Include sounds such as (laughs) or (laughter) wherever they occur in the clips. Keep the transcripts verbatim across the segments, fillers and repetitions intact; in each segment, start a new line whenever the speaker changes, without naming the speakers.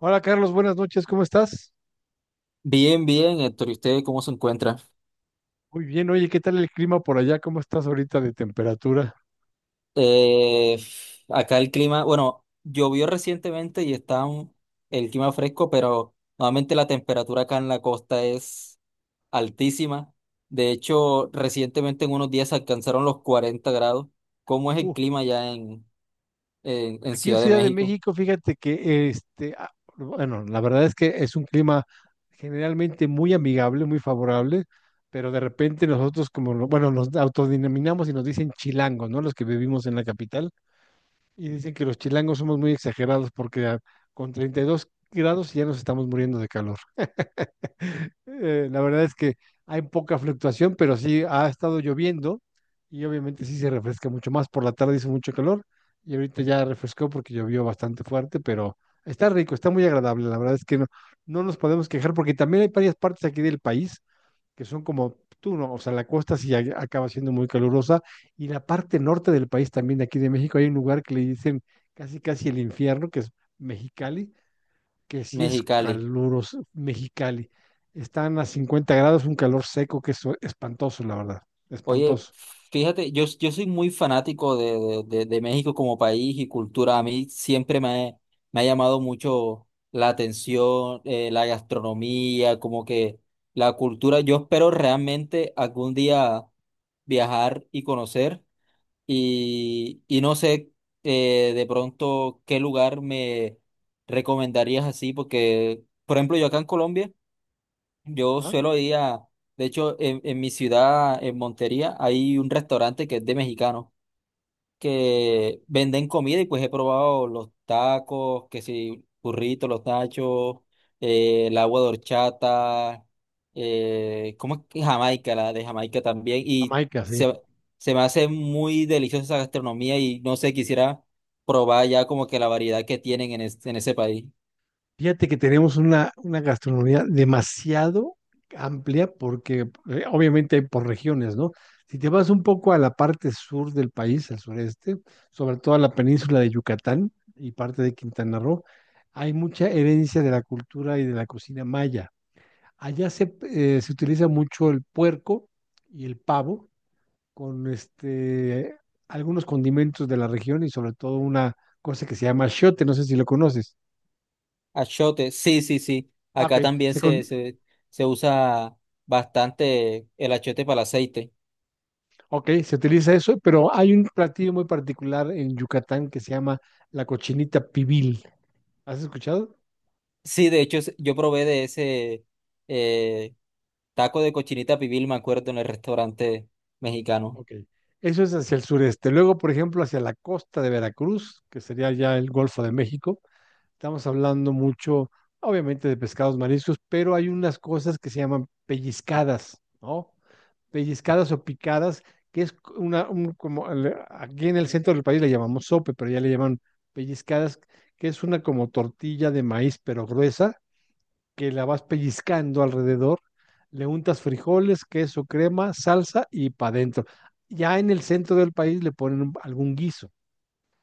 Hola Carlos, buenas noches, ¿cómo estás?
Bien, bien, Héctor. ¿Y usted cómo se encuentra?
Muy bien, oye, ¿qué tal el clima por allá? ¿Cómo estás ahorita de temperatura?
Eh, acá el clima, bueno, llovió recientemente y está un- el clima fresco, pero nuevamente la temperatura acá en la costa es altísima. De hecho, recientemente en unos días alcanzaron los cuarenta grados. ¿Cómo es el
Uh,
clima ya en, en, en
Aquí en
Ciudad de
Ciudad de
México,
México, fíjate que este, ah, bueno, la verdad es que es un clima generalmente muy amigable, muy favorable, pero de repente nosotros como, lo- bueno, nos autodenominamos y nos dicen chilangos, ¿no? Los que vivimos en la capital, y dicen que los chilangos somos muy exagerados porque ah, con treinta y dos grados ya nos estamos muriendo de calor. Eh, la verdad es que hay poca fluctuación, pero sí ha estado lloviendo y obviamente sí se refresca mucho más. Por la tarde hizo mucho calor y ahorita ya refrescó porque llovió bastante fuerte, pero está rico, está muy agradable. La verdad es que no, no nos podemos quejar porque también hay varias partes aquí del país que son como tú, ¿no? O sea, la costa sí a- acaba siendo muy calurosa y la parte norte del país también de aquí de México hay un lugar que le dicen casi casi el infierno, que es Mexicali, que sí es
Mexicali?
caluroso, Mexicali. Están a cincuenta grados, un calor seco que es espantoso, la verdad,
Oye,
espantoso.
fíjate, yo, yo soy muy fanático de, de, de- de México como país y cultura. A mí siempre me, ha- me ha llamado mucho la atención, eh, la gastronomía, como que la cultura. Yo espero realmente algún día viajar y conocer y, y no sé, eh, de pronto qué lugar me recomendarías, así, porque, por ejemplo, yo acá en Colombia. Yo
¿Ah?
suelo ir a, de hecho, en, en mi ciudad, en Montería, hay un restaurante que es de mexicanos que venden comida y pues he probado los tacos, que si burritos, los nachos, eh, el agua de horchata, eh, ¿cómo es que Jamaica, la de Jamaica también? Y
Jamaica, sí.
se, se me hace muy deliciosa esa gastronomía y no sé, quisiera probar ya como que la variedad que tienen en, es- en ese país.
Fíjate que tenemos una, una gastronomía demasiado amplia porque eh, obviamente hay por regiones, ¿no? Si te vas un poco a la parte sur del país, al sureste, sobre todo a la península de Yucatán y parte de Quintana Roo, hay mucha herencia de la cultura y de la cocina maya. Allá se, eh, se utiliza mucho el puerco y el pavo con este, algunos condimentos de la región y sobre todo una cosa que se llama achiote, no sé si lo conoces.
Achote, sí, sí, sí.
Ah, ok,
Acá también
se,
se,
con-
se, se usa bastante el achote para el aceite.
ok, se utiliza eso, pero hay un platillo muy particular en Yucatán que se llama la cochinita pibil. ¿Has escuchado?
Sí, de hecho, es- yo probé de ese, eh, taco de cochinita pibil, me acuerdo, en el restaurante mexicano.
Ok, eso es hacia el sureste. Luego, por ejemplo, hacia la costa de Veracruz, que sería ya el Golfo de México. Estamos hablando mucho, obviamente, de pescados mariscos, pero hay unas cosas que se llaman pellizcadas, ¿no? Pellizcadas o picadas, que es una, un- como al- aquí en el centro del país le llamamos sope, pero ya le llaman pellizcadas, que es una como tortilla de maíz, pero gruesa, que la vas pellizcando alrededor, le untas frijoles, queso, crema, salsa y para adentro. Ya en el centro del país le ponen un- algún guiso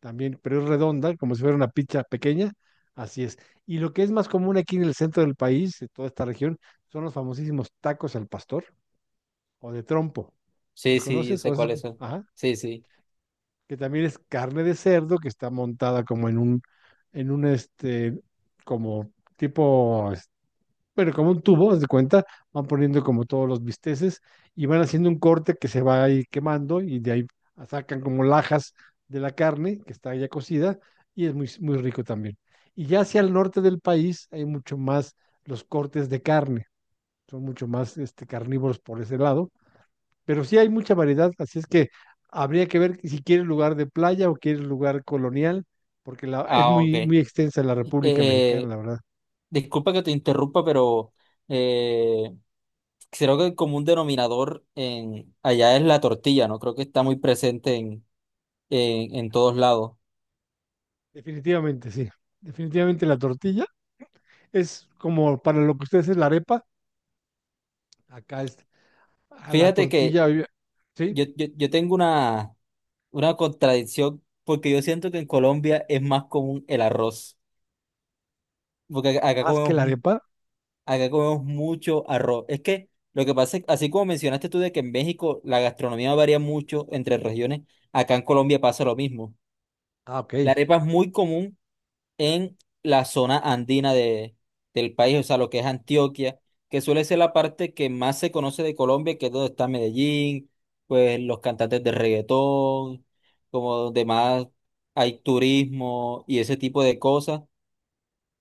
también, pero es redonda, como si fuera una pizza pequeña. Así es. Y lo que es más común aquí en el centro del país, de toda esta región, son los famosísimos tacos al pastor o de trompo.
Sí,
¿Los
sí, yo
conoces? ¿O
sé
has
cuál
escu-
es.
Ajá.
Sí, sí.
Que también es carne de cerdo que está montada como en un, en un este, como tipo pero como un tubo, haz de cuenta, van poniendo como todos los bisteces y van haciendo un corte que se va ahí quemando y de ahí sacan como lajas de la carne que está ya cocida y es muy, muy rico también. Y ya hacia el norte del país hay mucho más los cortes de carne, son mucho más este, carnívoros por ese lado, pero sí hay mucha variedad, así es que habría que ver si quieres lugar de playa o quieres lugar colonial, porque la, es
Ah, ok.
muy,
Eh,
muy extensa la República Mexicana,
eh,
la verdad.
disculpa que te interrumpa, pero eh, creo que el común denominador, en, allá, es la tortilla, ¿no? Creo que está muy presente en, en, en todos lados.
Definitivamente, sí. Definitivamente la tortilla es como para lo que ustedes es la arepa. Acá es a la
Fíjate que
tortilla, obvia-
Yo,
¿sí?
yo, yo tengo una, una contradicción porque yo siento que en Colombia es más común el arroz, porque acá acá
Más que
comemos,
la
mu-
arepa.
acá comemos mucho arroz. Es que lo que pasa es, así como mencionaste tú, de que en México la gastronomía varía mucho entre regiones, acá en Colombia pasa lo mismo.
Ah, ok.
La arepa es muy común en la zona andina de, del país, o sea, lo que es Antioquia, que suele ser la parte que más se conoce de Colombia, que es donde está Medellín, pues los cantantes de reggaetón, como donde más hay turismo y ese tipo de cosas.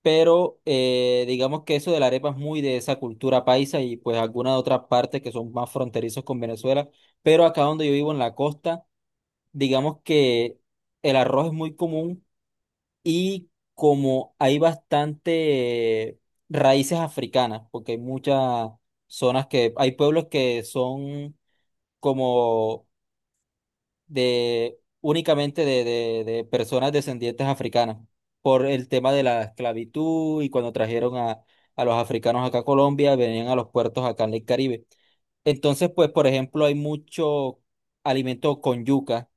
Pero eh, digamos que eso de la arepa es muy de esa cultura paisa y pues algunas otras partes que son más fronterizos con Venezuela. Pero acá, donde yo vivo, en la costa, digamos que el arroz es muy común, y como hay bastante raíces africanas, porque hay muchas zonas que, hay pueblos que son como de únicamente, de, de- de personas descendientes africanas, por el tema de la esclavitud, y cuando trajeron a, a los africanos acá a Colombia, venían a los puertos acá en el Caribe. Entonces, pues, por ejemplo, hay mucho alimento con yuca,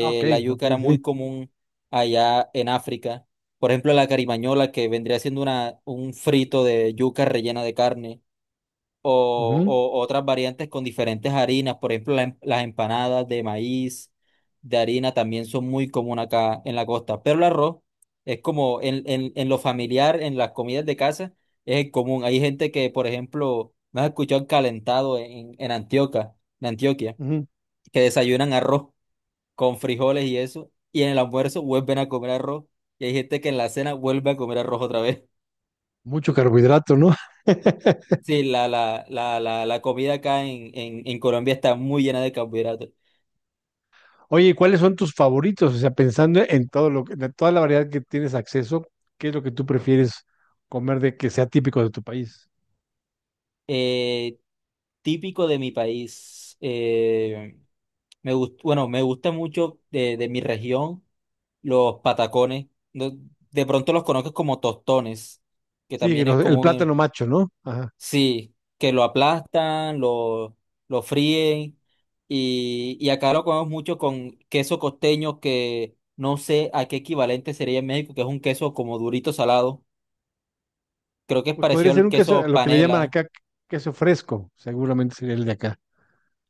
Ah, ok,
la
ok,
yuca era
sí.
muy común allá en África. Por ejemplo, la carimañola, que vendría siendo una, un frito de yuca rellena de carne, o,
Ujú,
o otras variantes con diferentes harinas. Por ejemplo, la em- las empanadas de maíz, de harina, también son muy comunes acá en la costa. Pero el arroz es como en, en, en lo familiar, en las comidas de casa, es el común. Hay gente que, por ejemplo, me has escuchado, el calentado en, en Antioquia, en Antioquia,
ujú.
que desayunan arroz con frijoles y eso, y en el almuerzo vuelven a comer arroz, y hay gente que en la cena vuelve a comer arroz otra vez. (laughs)
Mucho carbohidrato, ¿no? (laughs)
Sí, la, la, la, la, la comida acá en, en, en Colombia está muy llena de carbohidratos.
Oye, ¿y ¿cuáles son tus favoritos? O sea, pensando en todo lo que, de toda la variedad que tienes acceso, ¿qué es lo que tú prefieres comer de que sea típico de tu país?
Eh, típico de mi país, eh, me gust- bueno, me gusta mucho de, de mi región los patacones. No- de pronto los conozco como tostones, que
Sí, que
también es
los- el plátano
común.
macho, ¿no? Ajá.
Sí, que lo aplastan, lo, lo fríen, y, y acá lo comemos mucho con queso costeño, que no sé a qué equivalente sería en México, que es un queso como durito, salado. Creo que es
Pues podría
parecido
ser
al
un queso,
queso
lo que le llaman
panela.
acá queso fresco, seguramente sería el de acá.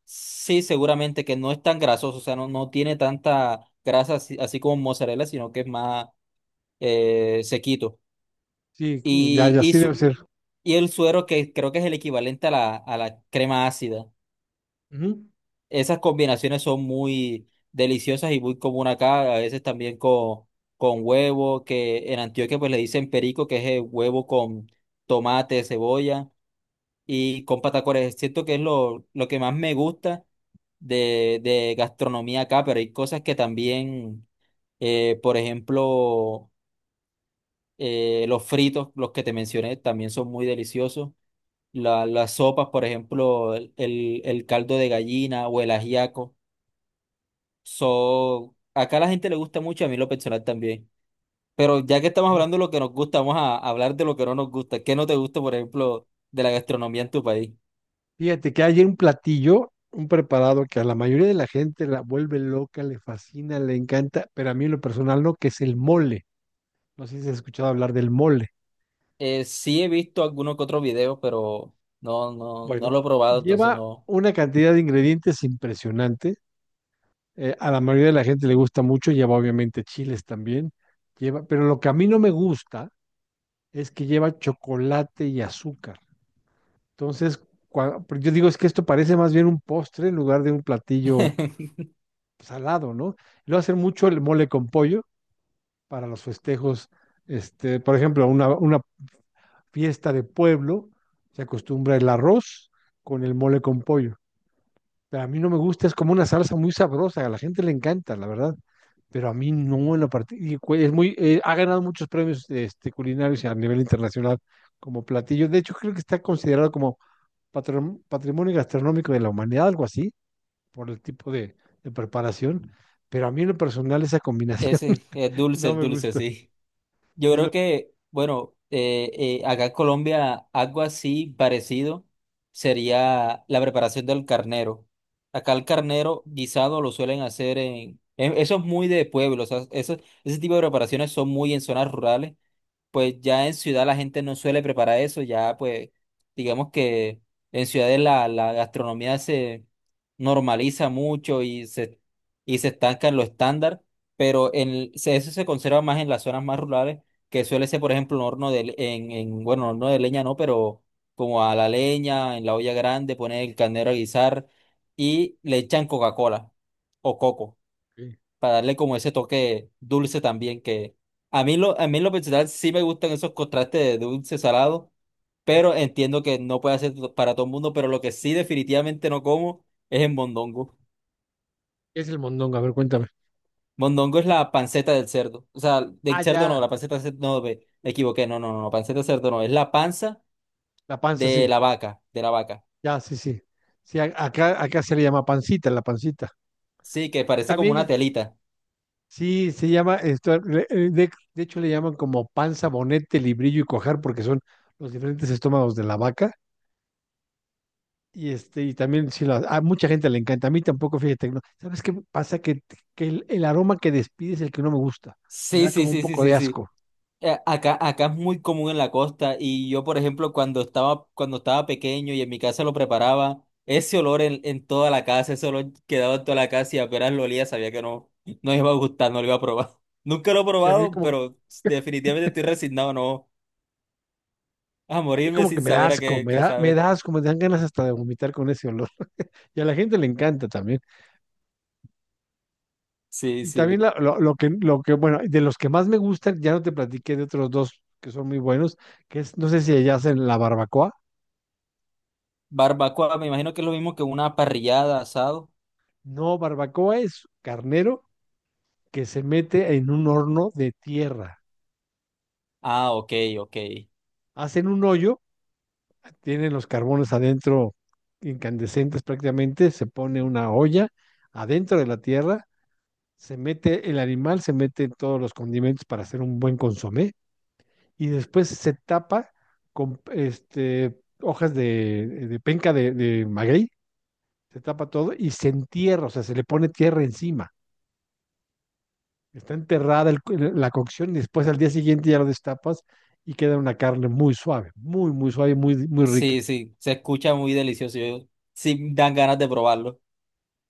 Sí, seguramente, que no es tan grasoso, o sea, no, no tiene tanta grasa así, así como mozzarella, sino que es más, eh, sequito.
Sí, ya,
Y,
ya
y,
sí debe
su-
ser.
y el suero, que creo que es el equivalente a la, a la crema ácida.
Ujú.
Esas combinaciones son muy deliciosas y muy común acá, a veces también con, con huevo, que en Antioquia pues le dicen perico, que es el huevo con tomate, cebolla y con patacones. Siento que es lo, lo que más me gusta de, de gastronomía acá, pero hay cosas que también, eh, por ejemplo, eh, los fritos, los que te mencioné, también son muy deliciosos. La- las sopas, por ejemplo, el, el el caldo de gallina o el ajiaco. So, acá a la gente le gusta mucho, a mí en lo personal también. Pero ya que estamos
Ok.
hablando de lo que nos gusta, vamos a hablar de lo que no nos gusta. ¿Qué no te gusta, por ejemplo, de la gastronomía en tu país?
Fíjate que hay un platillo, un preparado que a la mayoría de la gente la vuelve loca, le fascina, le encanta, pero a mí en lo personal no, que es el mole. No sé si has escuchado hablar del mole.
Eh, sí he visto algunos que otros videos, pero no, no, no
Bueno,
lo he probado, entonces
lleva
no.
una cantidad de ingredientes impresionante. Eh, a la mayoría de la gente le gusta mucho, lleva obviamente chiles también. Lleva, pero lo que a mí no me gusta es que lleva chocolate y azúcar. Entonces, cua- porque yo digo, es que esto parece más bien un postre en lugar de un platillo
(laughs)
salado, ¿no? Luego hacer mucho el mole con pollo para los festejos, este, por ejemplo, una, una fiesta de pueblo se acostumbra el arroz con el mole con pollo. Pero a mí no me gusta, es como una salsa muy sabrosa, a la gente le encanta, la verdad. Pero a mí no en la parte, y cu- es muy, eh, ha ganado muchos premios este, culinarios a nivel internacional como platillo. De hecho, creo que está considerado como patram- patrimonio gastronómico de la humanidad, algo así, por el tipo de, de preparación. Pero a mí en lo personal esa combinación
Ese es dulce,
no
el
me
dulce,
gusta.
sí. Yo
Sí, no.
creo que, bueno, eh, eh, acá en Colombia algo así parecido sería la preparación del carnero. Acá el carnero guisado lo suelen hacer en... en- Eso es muy de pueblo, o sea, eso- ese tipo de preparaciones son muy en zonas rurales, pues ya en ciudad la gente no suele preparar eso, ya pues digamos que en ciudades la, la gastronomía se normaliza mucho, y se, y se estanca en lo estándar, pero en, se- eso se conserva más en las zonas más rurales, que suele ser, por ejemplo, un horno de, le- en, en, bueno, horno de leña, no, pero como a la leña, en la olla grande, poner el carnero a guisar y le echan Coca-Cola o coco
Ok.
para darle como ese toque dulce también, que a mí lo, a mí, en lo personal, sí me gustan esos contrastes de dulce salado,
Ajá.
pero entiendo que no puede ser to- para todo el mundo, pero lo que sí definitivamente no como es en mondongo.
¿Qué es el mondongo? A ver, cuéntame.
Mondongo es la panceta del cerdo, o sea, del
Ah,
cerdo no,
ya.
la panceta del cerdo no, ve, me equivoqué, no, no, no, no, panceta del cerdo no, es la panza
La panza,
de
sí.
la vaca, de la vaca.
Ya, sí, sí. Sí, a- acá, acá se le llama pancita, la pancita.
Sí, que parece como
También,
una
es-
telita.
sí, se llama, esto, le- eh, de, de hecho le llaman como panza, bonete, librillo y cojar, porque son los diferentes estómagos de la vaca. Y este, y también sí, la- a mucha gente le encanta. A mí tampoco, fíjate, no. ¿Sabes qué pasa? Que, que el, el aroma que despide es el que no me gusta. Me
Sí,
da
sí,
como un
sí, sí,
poco
sí,
de
sí.
asco.
Eh, Acá, acá es muy común en la costa, y yo, por ejemplo, cuando estaba, cuando estaba pequeño y en mi casa lo preparaba, ese olor en, en toda la casa, ese olor quedaba en toda la casa, y apenas lo olía sabía que no, no iba a gustar, no lo iba a probar. (laughs) Nunca lo he
Sí, a mí
probado,
como
pero definitivamente estoy resignado, no, a
a mí
morirme
como que
sin
me da
saber a
asco,
qué,
me
qué
da, me
sabe.
da asco, me dan ganas hasta de vomitar con ese olor. Y a la gente le encanta también.
Sí,
Y también
sí.
la- lo, lo que, lo que, bueno, de los que más me gustan, ya no te platiqué de otros dos que son muy buenos, que es, no sé si allá hacen la barbacoa.
Barbacoa, me imagino que es lo mismo que una parrillada, asado.
No, barbacoa es carnero que se mete en un horno de tierra.
Ah, ok, ok.
Hacen un hoyo, tienen los carbones adentro incandescentes prácticamente, se pone una olla adentro de la tierra, se mete el animal, se mete todos los condimentos para hacer un buen consomé y después se tapa con este, hojas de, de penca de, de, maguey, se tapa todo y se entierra, o sea, se le pone tierra encima. Está enterrada el, la cocción y después al día siguiente ya lo destapas y queda una carne muy suave, muy, muy suave, muy, muy rica.
Sí, sí, se escucha muy delicioso. Yo, sí, dan ganas de probarlo,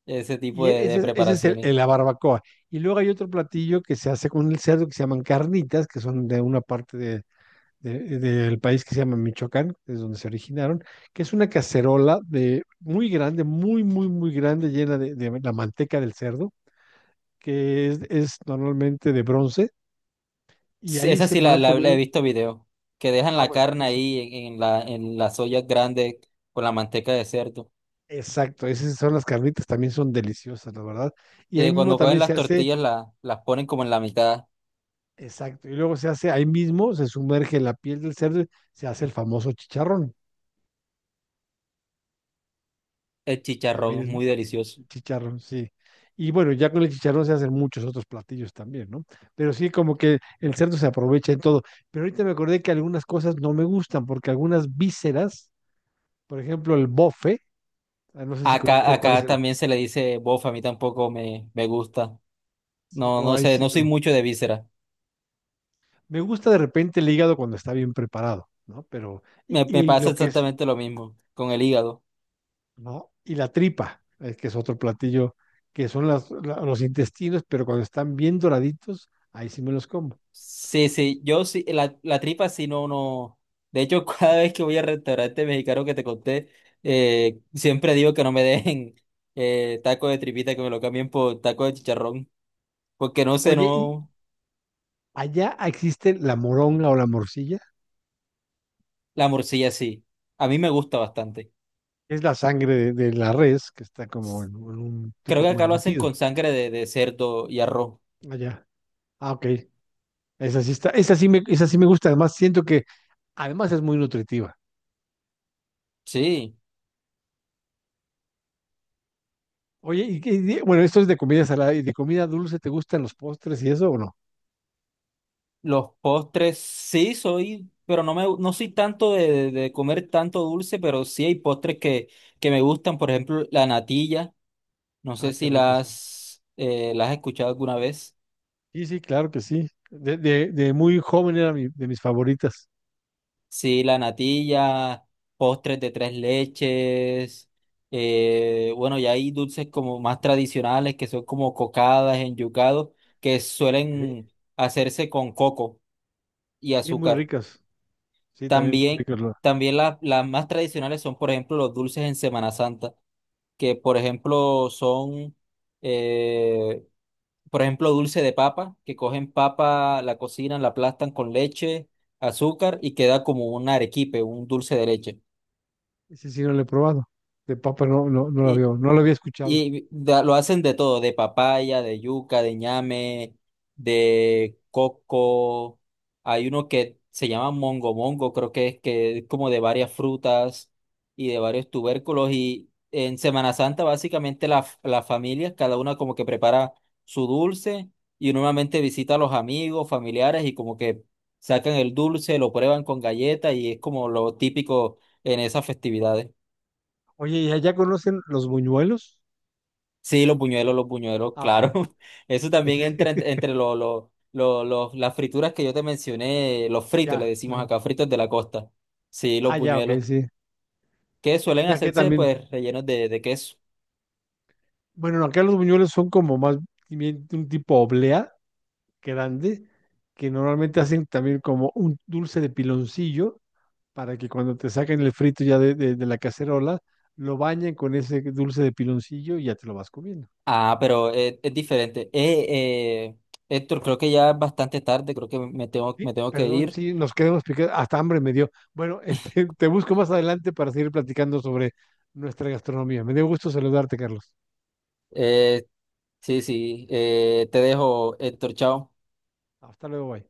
ese tipo
Y
de,
e,
de
ese, ese es el,
preparaciones.
la barbacoa. Y luego hay otro platillo que se hace con el cerdo que se llaman carnitas, que son de una parte de, de- del país que se llama Michoacán, es donde se originaron, que es una cacerola de muy grande, muy, muy, muy grande, llena de, de la manteca del cerdo, que es, es normalmente de bronce, y
Sí.
ahí
Esa
se
sí la,
van
la- la he
poniendo,
visto, video. Que dejan
ah,
la
bueno,
carne
es-
ahí en, en la, en las ollas grandes con la manteca de cerdo.
exacto, esas son las carnitas, también son deliciosas, la verdad, y
Y
ahí
que
mismo
cuando cogen
también se
las
hace,
tortillas la- las ponen como en la mitad.
exacto, y luego se hace, ahí mismo se sumerge la piel del cerdo, y se hace el famoso chicharrón,
El
también
chicharrón es muy
es
delicioso.
chicharrón, sí. Y bueno, ya con el chicharrón se hacen muchos otros platillos también, ¿no? Pero sí, como que el cerdo se aprovecha en todo. Pero ahorita me acordé que algunas cosas no me gustan, porque algunas vísceras, por ejemplo, el bofe, ah, no sé si
Acá,
conozcas cuál es
acá
el.
también se le dice bofa, a mí tampoco me, me gusta.
Sí,
No,
no,
no
ahí
sé,
sí
no soy
no.
mucho de víscera.
Me gusta de repente el hígado cuando está bien preparado, ¿no? Pero, y,
Me, me
y
pasa
lo que es,
exactamente lo mismo con el hígado.
¿no? Y la tripa, eh, que es otro platillo, que son las, la- los intestinos, pero cuando están bien doraditos, ahí sí me los como.
Sí, sí, yo sí, la, la tripa, sí, no, no. De hecho, (laughs) cada vez que voy al restaurante mexicano que te conté, eh, siempre digo que no me dejen (laughs) eh, taco de tripita, que me lo cambien por taco de chicharrón, porque no sé,
Oye, y,
no,
allá existe la moronga o la morcilla,
la morcilla sí. A mí me gusta bastante.
es la sangre de, de la res que está como en, en un
Creo
tipo
que
como
acá lo hacen con
embutido.
sangre de, de cerdo y arroz.
Allá. Ah, ok. Esa sí está, esa sí me, esa sí me gusta. Además, siento que además es muy nutritiva.
Sí,
Oye, y, qué- y- bueno, esto es de comida salada y de comida dulce, ¿te gustan los postres y eso o no?
los postres sí soy, pero no me, no soy tanto de, de de comer tanto dulce, pero sí hay postres que, que me gustan, por ejemplo, la natilla. No sé
Ah, qué
si
rico, sí.
las, eh, las has escuchado alguna vez.
Sí, sí, claro que sí. De, de, de muy joven era mi- de mis favoritas.
Sí, la natilla, postres de tres leches. eh, bueno, ya hay dulces como más tradicionales, que son como cocadas, enyucados, que
Ok.
suelen hacerse con coco y
Sí, muy
azúcar.
ricas. Sí, también muy
También,
ricas. lo-
también la- las más tradicionales son, por ejemplo, los dulces en Semana Santa, que por ejemplo son, eh, por ejemplo, dulce de papa, que cogen papa, la cocinan, la aplastan con leche, azúcar, y queda como un arequipe, un dulce de leche.
Ese sí no lo he probado. De papa no, no, no lo había,
Y
no lo había escuchado.
Y da- lo hacen de todo, de papaya, de yuca, de ñame, de coco. Hay uno que se llama mongo mongo, creo que es que es como de varias frutas y de varios tubérculos. Y en Semana Santa básicamente la- las familias, cada una como que prepara su dulce, y normalmente visita a los amigos, familiares, y como que sacan el dulce, lo prueban con galleta, y es como lo típico en esas festividades.
Oye, ¿y allá conocen los buñuelos?
Sí, los buñuelos, los buñuelos,
Ah, ok.
claro. (laughs) Eso también
Sí,
entra, ent-
(laughs)
entre, lo- lo- lo- lo- las frituras que yo te mencioné, los fritos, le
ya.
decimos
Ajá.
acá, fritos de la costa. Sí, los
Ah, ya, ok,
buñuelos,
sí.
que suelen
Y aquí
hacerse
también.
pues rellenos de, de queso.
Bueno, acá los buñuelos son como más bien un tipo oblea grande, que normalmente hacen también como un dulce de piloncillo para que cuando te saquen el frito ya de, de de la cacerola, lo bañen con ese dulce de piloncillo y ya te lo vas comiendo.
Ah, pero es, es, diferente. Eh, eh, Héctor, creo que ya es bastante tarde, creo que me tengo, me
Sí,
tengo que
perdón,
ir.
sí, nos quedamos picados. Hasta hambre me dio. Bueno, (laughs) este, te busco más adelante para seguir platicando sobre nuestra gastronomía. Me dio gusto saludarte, Carlos.
Eh, sí, sí, eh, te dejo, Héctor, chao.
Hasta luego, bye.